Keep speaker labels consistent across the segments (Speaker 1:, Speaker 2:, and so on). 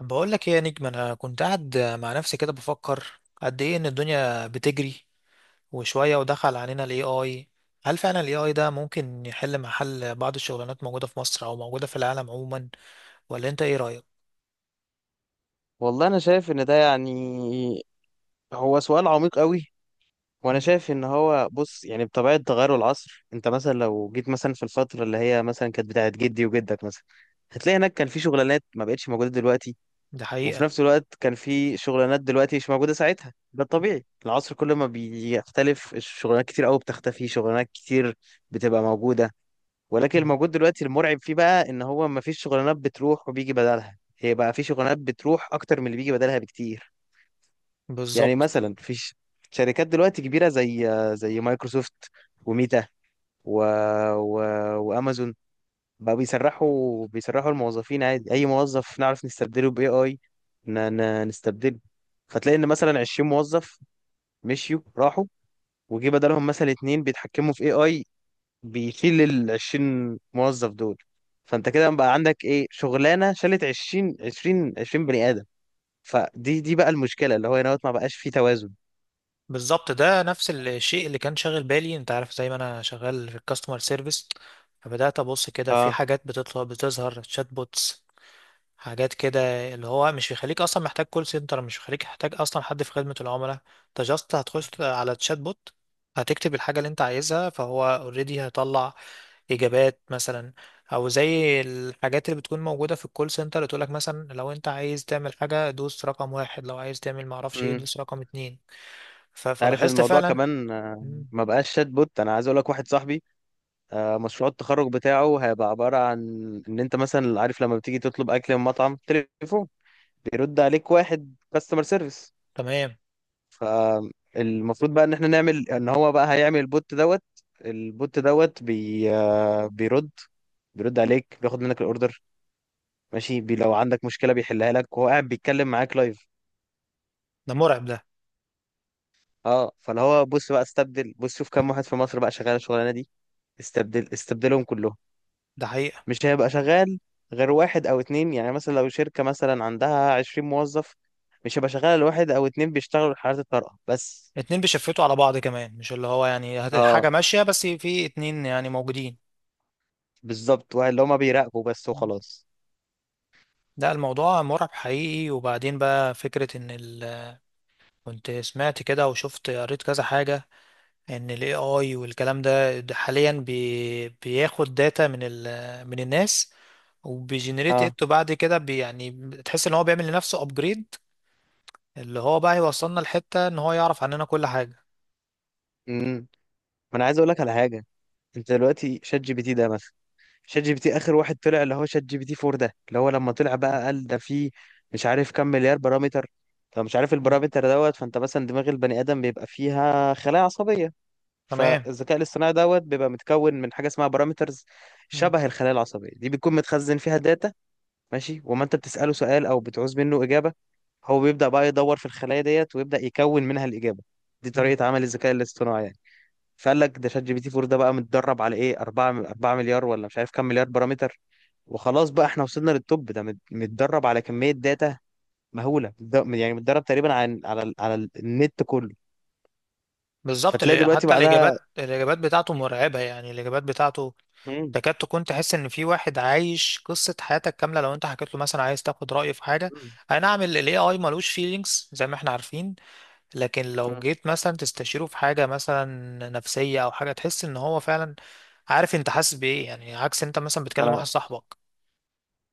Speaker 1: بقول لك ايه يا نجم، انا كنت قاعد مع نفسي كده بفكر قد ايه ان الدنيا بتجري وشويه ودخل علينا الاي اي. هل فعلا الاي اي ده ممكن يحل محل بعض الشغلانات موجوده في مصر او موجوده في العالم عموما؟ ولا انت ايه رايك؟
Speaker 2: والله انا شايف ان ده يعني هو سؤال عميق قوي. وانا
Speaker 1: مم.
Speaker 2: شايف ان هو بص يعني بطبيعه تغير العصر. انت مثلا لو جيت مثلا في الفتره اللي هي مثلا كانت بتاعت جدي وجدك مثلا، هتلاقي هناك كان في شغلانات ما بقتش موجوده دلوقتي.
Speaker 1: ده
Speaker 2: وفي
Speaker 1: حقيقه.
Speaker 2: نفس الوقت كان في شغلانات دلوقتي مش موجوده ساعتها. ده الطبيعي، العصر كل ما بيختلف الشغلانات كتير قوي بتختفي، شغلانات كتير بتبقى موجوده. ولكن
Speaker 1: مم.
Speaker 2: الموجود دلوقتي المرعب فيه بقى ان هو ما فيش شغلانات بتروح وبيجي بدلها، هي بقى في شغلانات بتروح اكتر من اللي بيجي بدلها بكتير. يعني
Speaker 1: بالظبط.
Speaker 2: مثلا في شركات دلوقتي كبيرة زي مايكروسوفت وميتا و... و... وامازون بقى بيسرحوا الموظفين عادي. اي موظف نعرف نستبدله باي اي، نستبدله. فتلاقي ان مثلا 20 موظف مشيوا راحوا، وجي بدلهم مثلا اتنين بيتحكموا في اي اي بيشيل ال 20 موظف دول. فانت كده بقى عندك ايه؟ شغلانة شالت 20 20 20 بني ادم. فدي بقى المشكلة، اللي هو هنا ما بقاش فيه توازن.
Speaker 1: بالظبط، ده نفس الشيء اللي كان شاغل بالي. انت عارف زي ما انا شغال في الكاستمر سيرفيس، فبدات ابص كده في
Speaker 2: اه،
Speaker 1: حاجات بتطلع بتظهر شات بوتس، حاجات كده، اللي هو مش بيخليك اصلا محتاج كول سنتر، مش بيخليك محتاج اصلا حد في خدمة العملاء. انت جاست هتخش على تشات بوت، هتكتب الحاجة اللي انت عايزها فهو اوريدي هيطلع اجابات مثلا. او زي الحاجات اللي بتكون موجودة في الكول سنتر اللي تقولك مثلا لو انت عايز تعمل حاجة دوس رقم واحد، لو عايز تعمل معرفش ايه دوس رقم اتنين. ف-
Speaker 2: عارف
Speaker 1: فلاحظت
Speaker 2: الموضوع
Speaker 1: فعلا.
Speaker 2: كمان.
Speaker 1: مم،
Speaker 2: ما بقاش شات بوت. انا عايز اقول لك واحد صاحبي مشروع التخرج بتاعه هيبقى عباره عن ان انت مثلا عارف لما بتيجي تطلب اكل من مطعم تليفون، بيرد عليك واحد كاستمر سيرفيس.
Speaker 1: تمام.
Speaker 2: فالمفروض بقى ان احنا نعمل ان هو بقى هيعمل البوت دوت بي آه، بيرد عليك، بياخد منك الاوردر ماشي، لو عندك مشكله بيحلها لك وهو قاعد بيتكلم معاك لايف.
Speaker 1: ده مرعب ده.
Speaker 2: اه، فاللي هو بص بقى استبدل. بص شوف كام واحد في مصر بقى شغال الشغلانه دي، استبدلهم كلهم.
Speaker 1: ده حقيقة.
Speaker 2: مش هيبقى شغال غير واحد او اتنين. يعني مثلا لو شركة مثلا عندها 20 موظف، مش هيبقى شغال غير واحد او اتنين بيشتغلوا حالات الطارئة بس.
Speaker 1: اتنين بيشفتوا على بعض كمان، مش اللي هو يعني
Speaker 2: اه
Speaker 1: حاجة ماشية، بس في اتنين يعني موجودين.
Speaker 2: بالظبط، واحد اللي هما بيراقبوا بس وخلاص.
Speaker 1: ده الموضوع مرعب حقيقي. وبعدين بقى فكرة ان كنت سمعت كده وشفت قريت كذا حاجة، ان ال AI والكلام ده حاليا بياخد داتا من من الناس، وبيجنريت
Speaker 2: اه.
Speaker 1: ات، وبعد كده يعني تحس ان هو بيعمل لنفسه ابجريد. اللي هو بقى يوصلنا لحتة ان هو يعرف عننا كل حاجة.
Speaker 2: امم ما انا عايز اقول لك على حاجة. انت دلوقتي شات جي بي تي ده مثلا، شات جي بي تي اخر واحد طلع اللي هو شات جي بي تي 4 ده، اللي هو لما طلع
Speaker 1: مم.
Speaker 2: بقى قال ده فيه مش عارف كام مليار بارامتر. فمش عارف
Speaker 1: مم.
Speaker 2: البارامتر دوت. فانت مثلا دماغ البني ادم بيبقى فيها خلايا عصبية،
Speaker 1: تمام.
Speaker 2: فالذكاء الاصطناعي دوت بيبقى متكون من حاجه اسمها بارامترز
Speaker 1: مم.
Speaker 2: شبه الخلايا العصبيه دي، بتكون متخزن فيها داتا. ماشي. وما انت بتساله سؤال او بتعوز منه اجابه، هو بيبدا بقى يدور في الخلايا ديت ويبدا يكون منها الاجابه. دي
Speaker 1: مم.
Speaker 2: طريقه عمل الذكاء الاصطناعي يعني. فقال لك ده شات جي بي تي 4 ده بقى متدرب على ايه؟ 4 مليار ولا مش عارف كام مليار بارامتر. وخلاص بقى احنا وصلنا للتوب. ده متدرب على كميه داتا مهوله، يعني متدرب تقريبا على النت كله.
Speaker 1: بالظبط.
Speaker 2: فتلاقي دلوقتي
Speaker 1: حتى
Speaker 2: بعدها.
Speaker 1: الإجابات، الإجابات بتاعته مرعبة. يعني الإجابات بتاعته
Speaker 2: مم.
Speaker 1: تكاد تكون تحس ان في واحد عايش قصة حياتك كاملة، لو انت حكيت له مثلا عايز تاخد رأيه في حاجة. اي نعم، ال AI ملوش feelings زي ما احنا عارفين، لكن لو
Speaker 2: مم.
Speaker 1: جيت مثلا تستشيره في حاجة مثلا نفسية او حاجة، تحس ان هو فعلا عارف انت حاسس بايه. يعني عكس انت مثلا بتكلم
Speaker 2: مم.
Speaker 1: واحد صاحبك.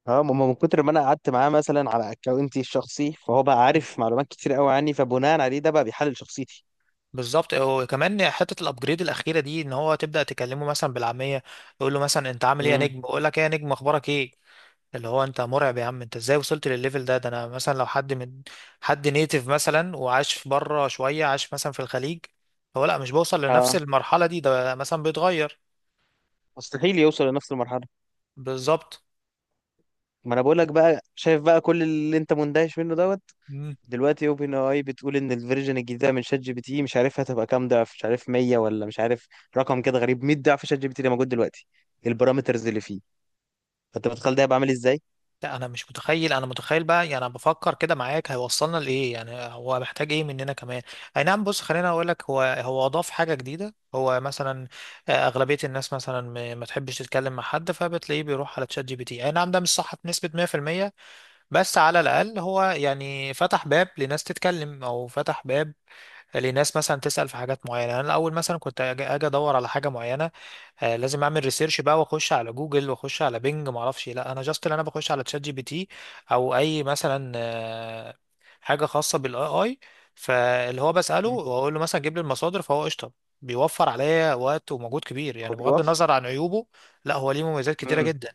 Speaker 2: اه، ما هو من كتر ما انا قعدت معاه مثلا على اكونتي الشخصي فهو بقى عارف معلومات كتير قوي عني، فبناء عليه ده بقى بيحلل شخصيتي.
Speaker 1: بالظبط. وكمان حته الابجريد الاخيره دي ان هو تبدا تكلمه مثلا بالعاميه، يقول له مثلا انت عامل ايه يا
Speaker 2: امم
Speaker 1: نجم، يقول لك ايه يا نجم اخبارك ايه. اللي هو انت مرعب يا عم، انت ازاي وصلت للليفل ده؟ ده انا مثلا لو حد من حد نيتيف مثلا وعاش في بره شوية، عاش مثلا في الخليج، هو لا، مش بوصل لنفس
Speaker 2: اه،
Speaker 1: المرحلة دي. ده مثلا بيتغير.
Speaker 2: مستحيل يوصل لنفس المرحله.
Speaker 1: بالظبط.
Speaker 2: ما انا بقول لك بقى شايف بقى كل اللي انت مندهش منه دوت.
Speaker 1: مم.
Speaker 2: دلوقتي اوبن اي بتقول ان الفيرجن الجديده من شات جي بي تي مش عارف هتبقى كام ضعف، مش عارف 100 ولا مش عارف، رقم كده غريب، 100 ضعف شات جي بي تي اللي موجود دلوقتي، البارامترز اللي فيه. فانت متخيل ده هيبقى عامل ازاي؟
Speaker 1: لا انا مش متخيل. انا متخيل بقى، يعني انا بفكر كده معاك هيوصلنا لايه. يعني هو محتاج ايه مننا كمان؟ اي نعم، بص خليني اقول لك، هو اضاف حاجة جديدة، هو مثلا اغلبية الناس مثلا ما تحبش تتكلم مع حد، فبتلاقيه بيروح على تشات جي بي تي. اي نعم، ده مش صح بنسبة 100%، بس على الأقل هو يعني فتح باب لناس تتكلم، أو فتح باب لناس مثلا تسأل في حاجات معينة. أنا الأول مثلا كنت أجي أدور على حاجة معينة، آه لازم أعمل ريسيرش بقى، وأخش على جوجل وأخش على بينج معرفش إيه. لا، أنا جاست اللي أنا بخش على تشات جي بي تي، أو أي مثلا حاجة خاصة بالاي اي، فاللي هو بسأله
Speaker 2: مم.
Speaker 1: وأقول له مثلا جيب لي المصادر فهو قشطة. بيوفر عليا وقت ومجهود كبير. يعني
Speaker 2: هو
Speaker 1: بغض النظر
Speaker 2: بيوفر.
Speaker 1: عن عيوبه، لا هو ليه مميزات كتيرة جدا.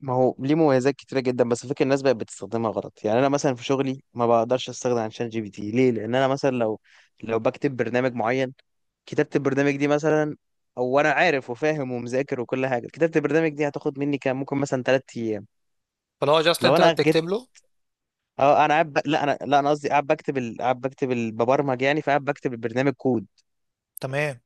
Speaker 2: ما هو ليه مميزات كتيرة جدا. بس فكرة الناس بقت بتستخدمها غلط. يعني أنا مثلا في شغلي ما بقدرش أستخدم عن شات جي بي تي. ليه؟ لأن أنا مثلا لو بكتب برنامج معين، كتابة البرنامج دي مثلا، أو أنا عارف وفاهم ومذاكر وكل حاجة، كتابة البرنامج دي هتاخد مني كام؟ ممكن مثلا 3 أيام.
Speaker 1: فاللي هو جاست
Speaker 2: لو
Speaker 1: أنت
Speaker 2: أنا جيت،
Speaker 1: تكتب له.
Speaker 2: أه أنا قاعد لا أنا قصدي قاعد بكتب ببرمج يعني. فقاعد بكتب البرنامج كود.
Speaker 1: تمام.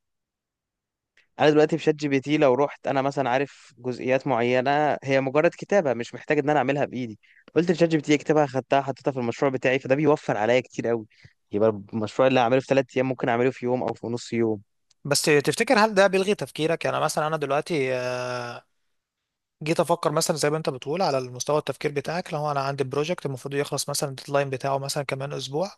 Speaker 2: انا دلوقتي في شات جي بي تي لو رحت انا مثلا عارف جزئيات معينه هي مجرد كتابه مش محتاج ان انا اعملها بايدي، قلت لشات جي بي تي اكتبها، خدتها حطيتها في المشروع بتاعي، فده بيوفر عليا كتير قوي. يبقى المشروع اللي هعمله في 3 ايام ممكن اعمله في يوم او في نص يوم.
Speaker 1: بس تفتكر هل ده بيلغي تفكيرك؟ يعني مثلا انا دلوقتي جيت افكر مثلا زي ما انت بتقول، على المستوى التفكير بتاعك، لو انا عندي بروجكت المفروض يخلص مثلا، الديدلاين بتاعه مثلا كمان اسبوع،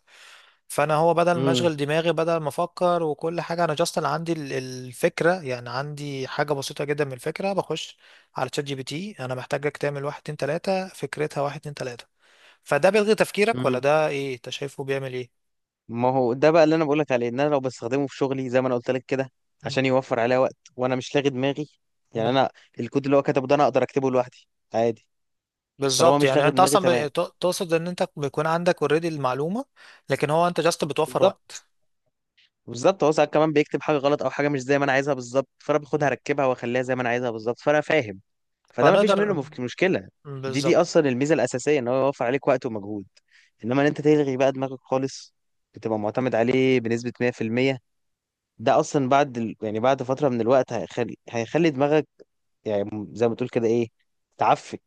Speaker 1: فانا هو بدل ما
Speaker 2: امم
Speaker 1: اشغل دماغي، بدل ما افكر وكل حاجه، انا جاست عندي الفكره، يعني عندي حاجه بسيطه جدا من الفكره، بخش على تشات جي بي تي، انا محتاجك تعمل واحد اتنين تلاته، فكرتها واحد اتنين تلاته. فده بيلغي تفكيرك ولا
Speaker 2: امم
Speaker 1: ده ايه؟ انت شايفه بيعمل
Speaker 2: ما هو ده بقى اللي انا بقولك عليه، ان انا لو بستخدمه في شغلي زي ما انا قلت لك كده
Speaker 1: ايه؟
Speaker 2: عشان يوفر عليا وقت، وانا مش لاغي دماغي. يعني انا الكود اللي هو كتبه ده انا اقدر اكتبه لوحدي عادي. طالما
Speaker 1: بالظبط.
Speaker 2: مش
Speaker 1: يعني
Speaker 2: لاغي
Speaker 1: انت
Speaker 2: دماغي
Speaker 1: اصلا
Speaker 2: تمام.
Speaker 1: تقصد ان انت بيكون عندك اوريدي المعلومه، لكن هو انت جاست بتوفر
Speaker 2: بالظبط.
Speaker 1: وقت.
Speaker 2: بالظبط هو ساعات كمان بيكتب حاجه غلط او حاجه مش زي ما انا عايزها بالظبط، فانا باخدها
Speaker 1: مم.
Speaker 2: اركبها واخليها زي ما انا عايزها بالظبط، فانا فاهم. فده ما فيش منه
Speaker 1: فنقدر.
Speaker 2: مشكله. دي
Speaker 1: بالظبط.
Speaker 2: اصلا الميزه الاساسيه، ان هو يوفر عليك وقت ومجهود. انما ان انت تلغي بقى دماغك خالص، بتبقى معتمد عليه بنسبه 100%. ده اصلا بعد يعني بعد فتره من الوقت، هيخلي دماغك، يعني زي ما تقول كده، ايه، تعفن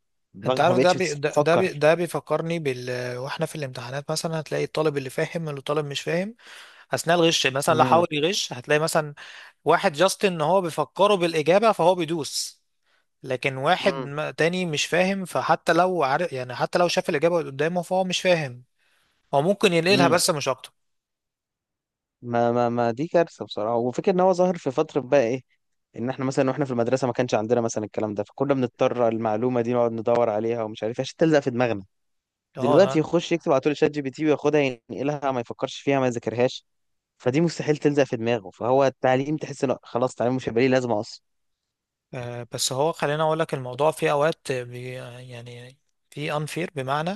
Speaker 1: انت
Speaker 2: دماغك. ما
Speaker 1: عارف،
Speaker 2: بقتش بتفكر.
Speaker 1: ده بيفكرني بال، واحنا في الامتحانات مثلا، هتلاقي الطالب اللي فاهم الطالب مش فاهم، اثناء الغش مثلا لو
Speaker 2: امم
Speaker 1: حاول يغش، هتلاقي مثلا واحد جاست ان هو بيفكره بالاجابه فهو بيدوس. لكن واحد تاني مش فاهم، فحتى لو عارف، يعني حتى لو شاف الاجابه قدامه فهو مش فاهم، هو ممكن ينقلها
Speaker 2: امم
Speaker 1: بس مش اكتر.
Speaker 2: ما ما ما دي كارثه بصراحه. وفكره ان هو ظاهر في فتره بقى، ايه، ان احنا مثلا واحنا في المدرسه ما كانش عندنا مثلا الكلام ده، فكنا بنضطر المعلومه دي نقعد ندور عليها ومش عارف إيه عشان تلزق في دماغنا. دلوقتي
Speaker 1: اه.
Speaker 2: يخش يكتب على طول شات جي بي تي وياخدها ينقلها، ما يفكرش فيها ما يذاكرهاش. فدي مستحيل تلزق في دماغه، فهو التعليم تحس انه خلاص التعليم مش هيبقى ليه لازمه اصلا.
Speaker 1: بس هو خليني اقول لك الموضوع في اوقات يعني في انفير، بمعنى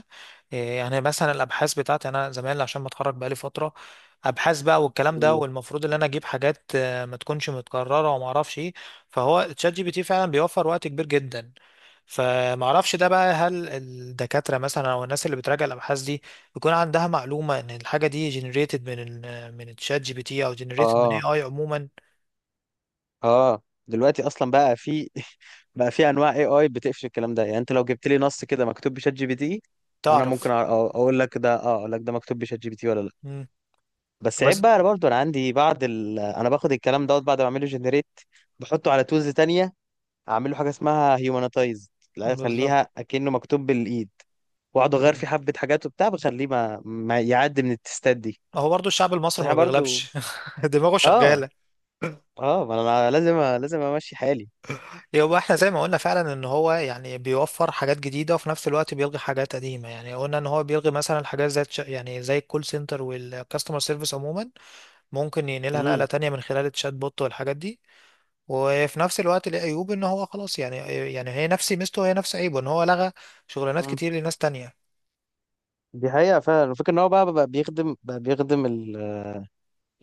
Speaker 1: يعني مثلا الابحاث بتاعتي يعني، انا زمان عشان متخرج بقالي فتره، ابحاث بقى والكلام ده،
Speaker 2: مم.
Speaker 1: والمفروض ان انا اجيب حاجات ما تكونش متكرره وما اعرفش ايه. فهو تشات جي بي تي فعلا بيوفر وقت كبير جدا. فما اعرفش ده بقى، هل الدكاتره مثلا او الناس اللي بتراجع الابحاث دي بيكون عندها معلومه ان الحاجه دي جنريتد من من الشات جي بي تي، او جنريتد من اي
Speaker 2: اه،
Speaker 1: اي عموما؟
Speaker 2: اه، دلوقتي اصلا بقى في بقى في انواع اي اي بتقفش الكلام ده. يعني انت لو جبت لي نص كده مكتوب بشات جي بي تي، انا ممكن
Speaker 1: تعرف.
Speaker 2: اقول لك ده، اه، اقول لك ده مكتوب بشات جي بي تي ولا لا.
Speaker 1: مم.
Speaker 2: بس عيب
Speaker 1: بس.
Speaker 2: بقى. انا برضو انا عندي بعض انا باخد الكلام دوت بعد ما اعمله جنريت بحطه على تولز تانية، اعمل له حاجه اسمها هيومنتايزد، لا
Speaker 1: بالظبط.
Speaker 2: اخليها اكنه مكتوب بالايد، واقعد اغير
Speaker 1: مم.
Speaker 2: فيه حبه حاجات وبتاع بخليه ما, ما يعدي من التستات دي.
Speaker 1: هو برضو الشعب
Speaker 2: بس
Speaker 1: المصري ما
Speaker 2: احنا برضو
Speaker 1: بيغلبش دماغه
Speaker 2: اه،
Speaker 1: شغالة.
Speaker 2: اه، ما انا لازم، امشي حالي.
Speaker 1: هو احنا زي ما قلنا فعلا ان هو يعني بيوفر حاجات جديدة، وفي نفس الوقت بيلغي حاجات قديمة. يعني قلنا ان هو بيلغي مثلا الحاجات زي يعني زي الكول سنتر والكاستمر سيرفيس عموما. ممكن ينقلها نقلة
Speaker 2: امم
Speaker 1: تانية من خلال الشات بوت والحاجات دي، وفي نفس الوقت ليه عيوب ان هو خلاص يعني، يعني هي نفس ميزته وهي نفس عيبه، ان هو لغى شغلانات كتير لناس تانية.
Speaker 2: دي حقيقه فعلا. الفكره ان هو بقى, بقى بيخدم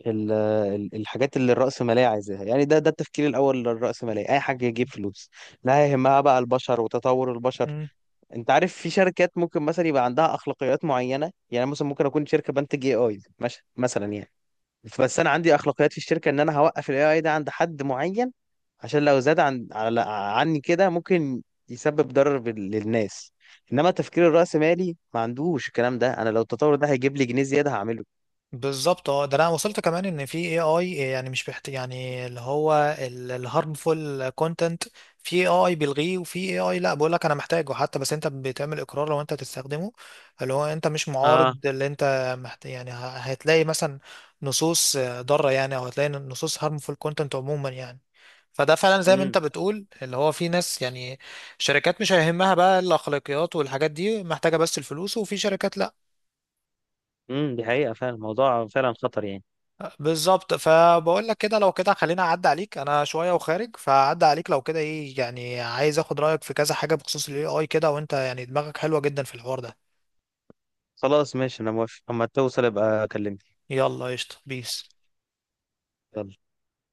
Speaker 2: ال- الحاجات اللي الرأسمالية عايزاها. يعني ده التفكير الأول للرأسمالية، أي حاجة يجيب فلوس، لا يهمها بقى البشر وتطور البشر. أنت عارف في شركات ممكن مثلا يبقى عندها أخلاقيات معينة. يعني مثلا ممكن أكون شركة بنتج اي اي مثلا يعني، بس أنا عندي أخلاقيات في الشركة إن أنا هوقف الاي اي ده عند حد معين، عشان لو زاد على عني كده ممكن يسبب ضرر للناس. إنما تفكير الرأسمالي ما عندوش الكلام ده، أنا لو التطور ده هيجيب لي جنيه زيادة هعمله.
Speaker 1: بالظبط. اه، ده انا وصلت كمان ان في اي اي يعني مش بحت، يعني اللي هو الهارمفول كونتنت، في اي اي بيلغيه وفي اي اي لا بقول لك انا محتاجه حتى، بس انت بتعمل اقرار لو انت تستخدمه، اللي هو انت مش
Speaker 2: اه.
Speaker 1: معارض، اللي انت يعني هتلاقي مثلا نصوص ضاره، يعني او هتلاقي نصوص هارمفول كونتنت عموما يعني. فده فعلا زي ما انت
Speaker 2: مم.
Speaker 1: بتقول اللي هو في ناس يعني شركات مش هيهمها بقى الاخلاقيات والحاجات دي، محتاجه بس الفلوس، وفي شركات لا.
Speaker 2: دي حقيقة فعلا. الموضوع فعلا خطر يعني.
Speaker 1: بالظبط، فبقول لك كده لو كده، خلينا اعدي عليك انا شويه وخارج، فاعدي عليك لو كده ايه، يعني عايز اخد رايك في كذا حاجه بخصوص الاي اي كده، وانت يعني دماغك حلوه جدا في الحوار ده.
Speaker 2: خلاص ماشي، انا موافق. اما توصل ابقى اكلمني.
Speaker 1: يلا قشطه، بيس.
Speaker 2: يلا.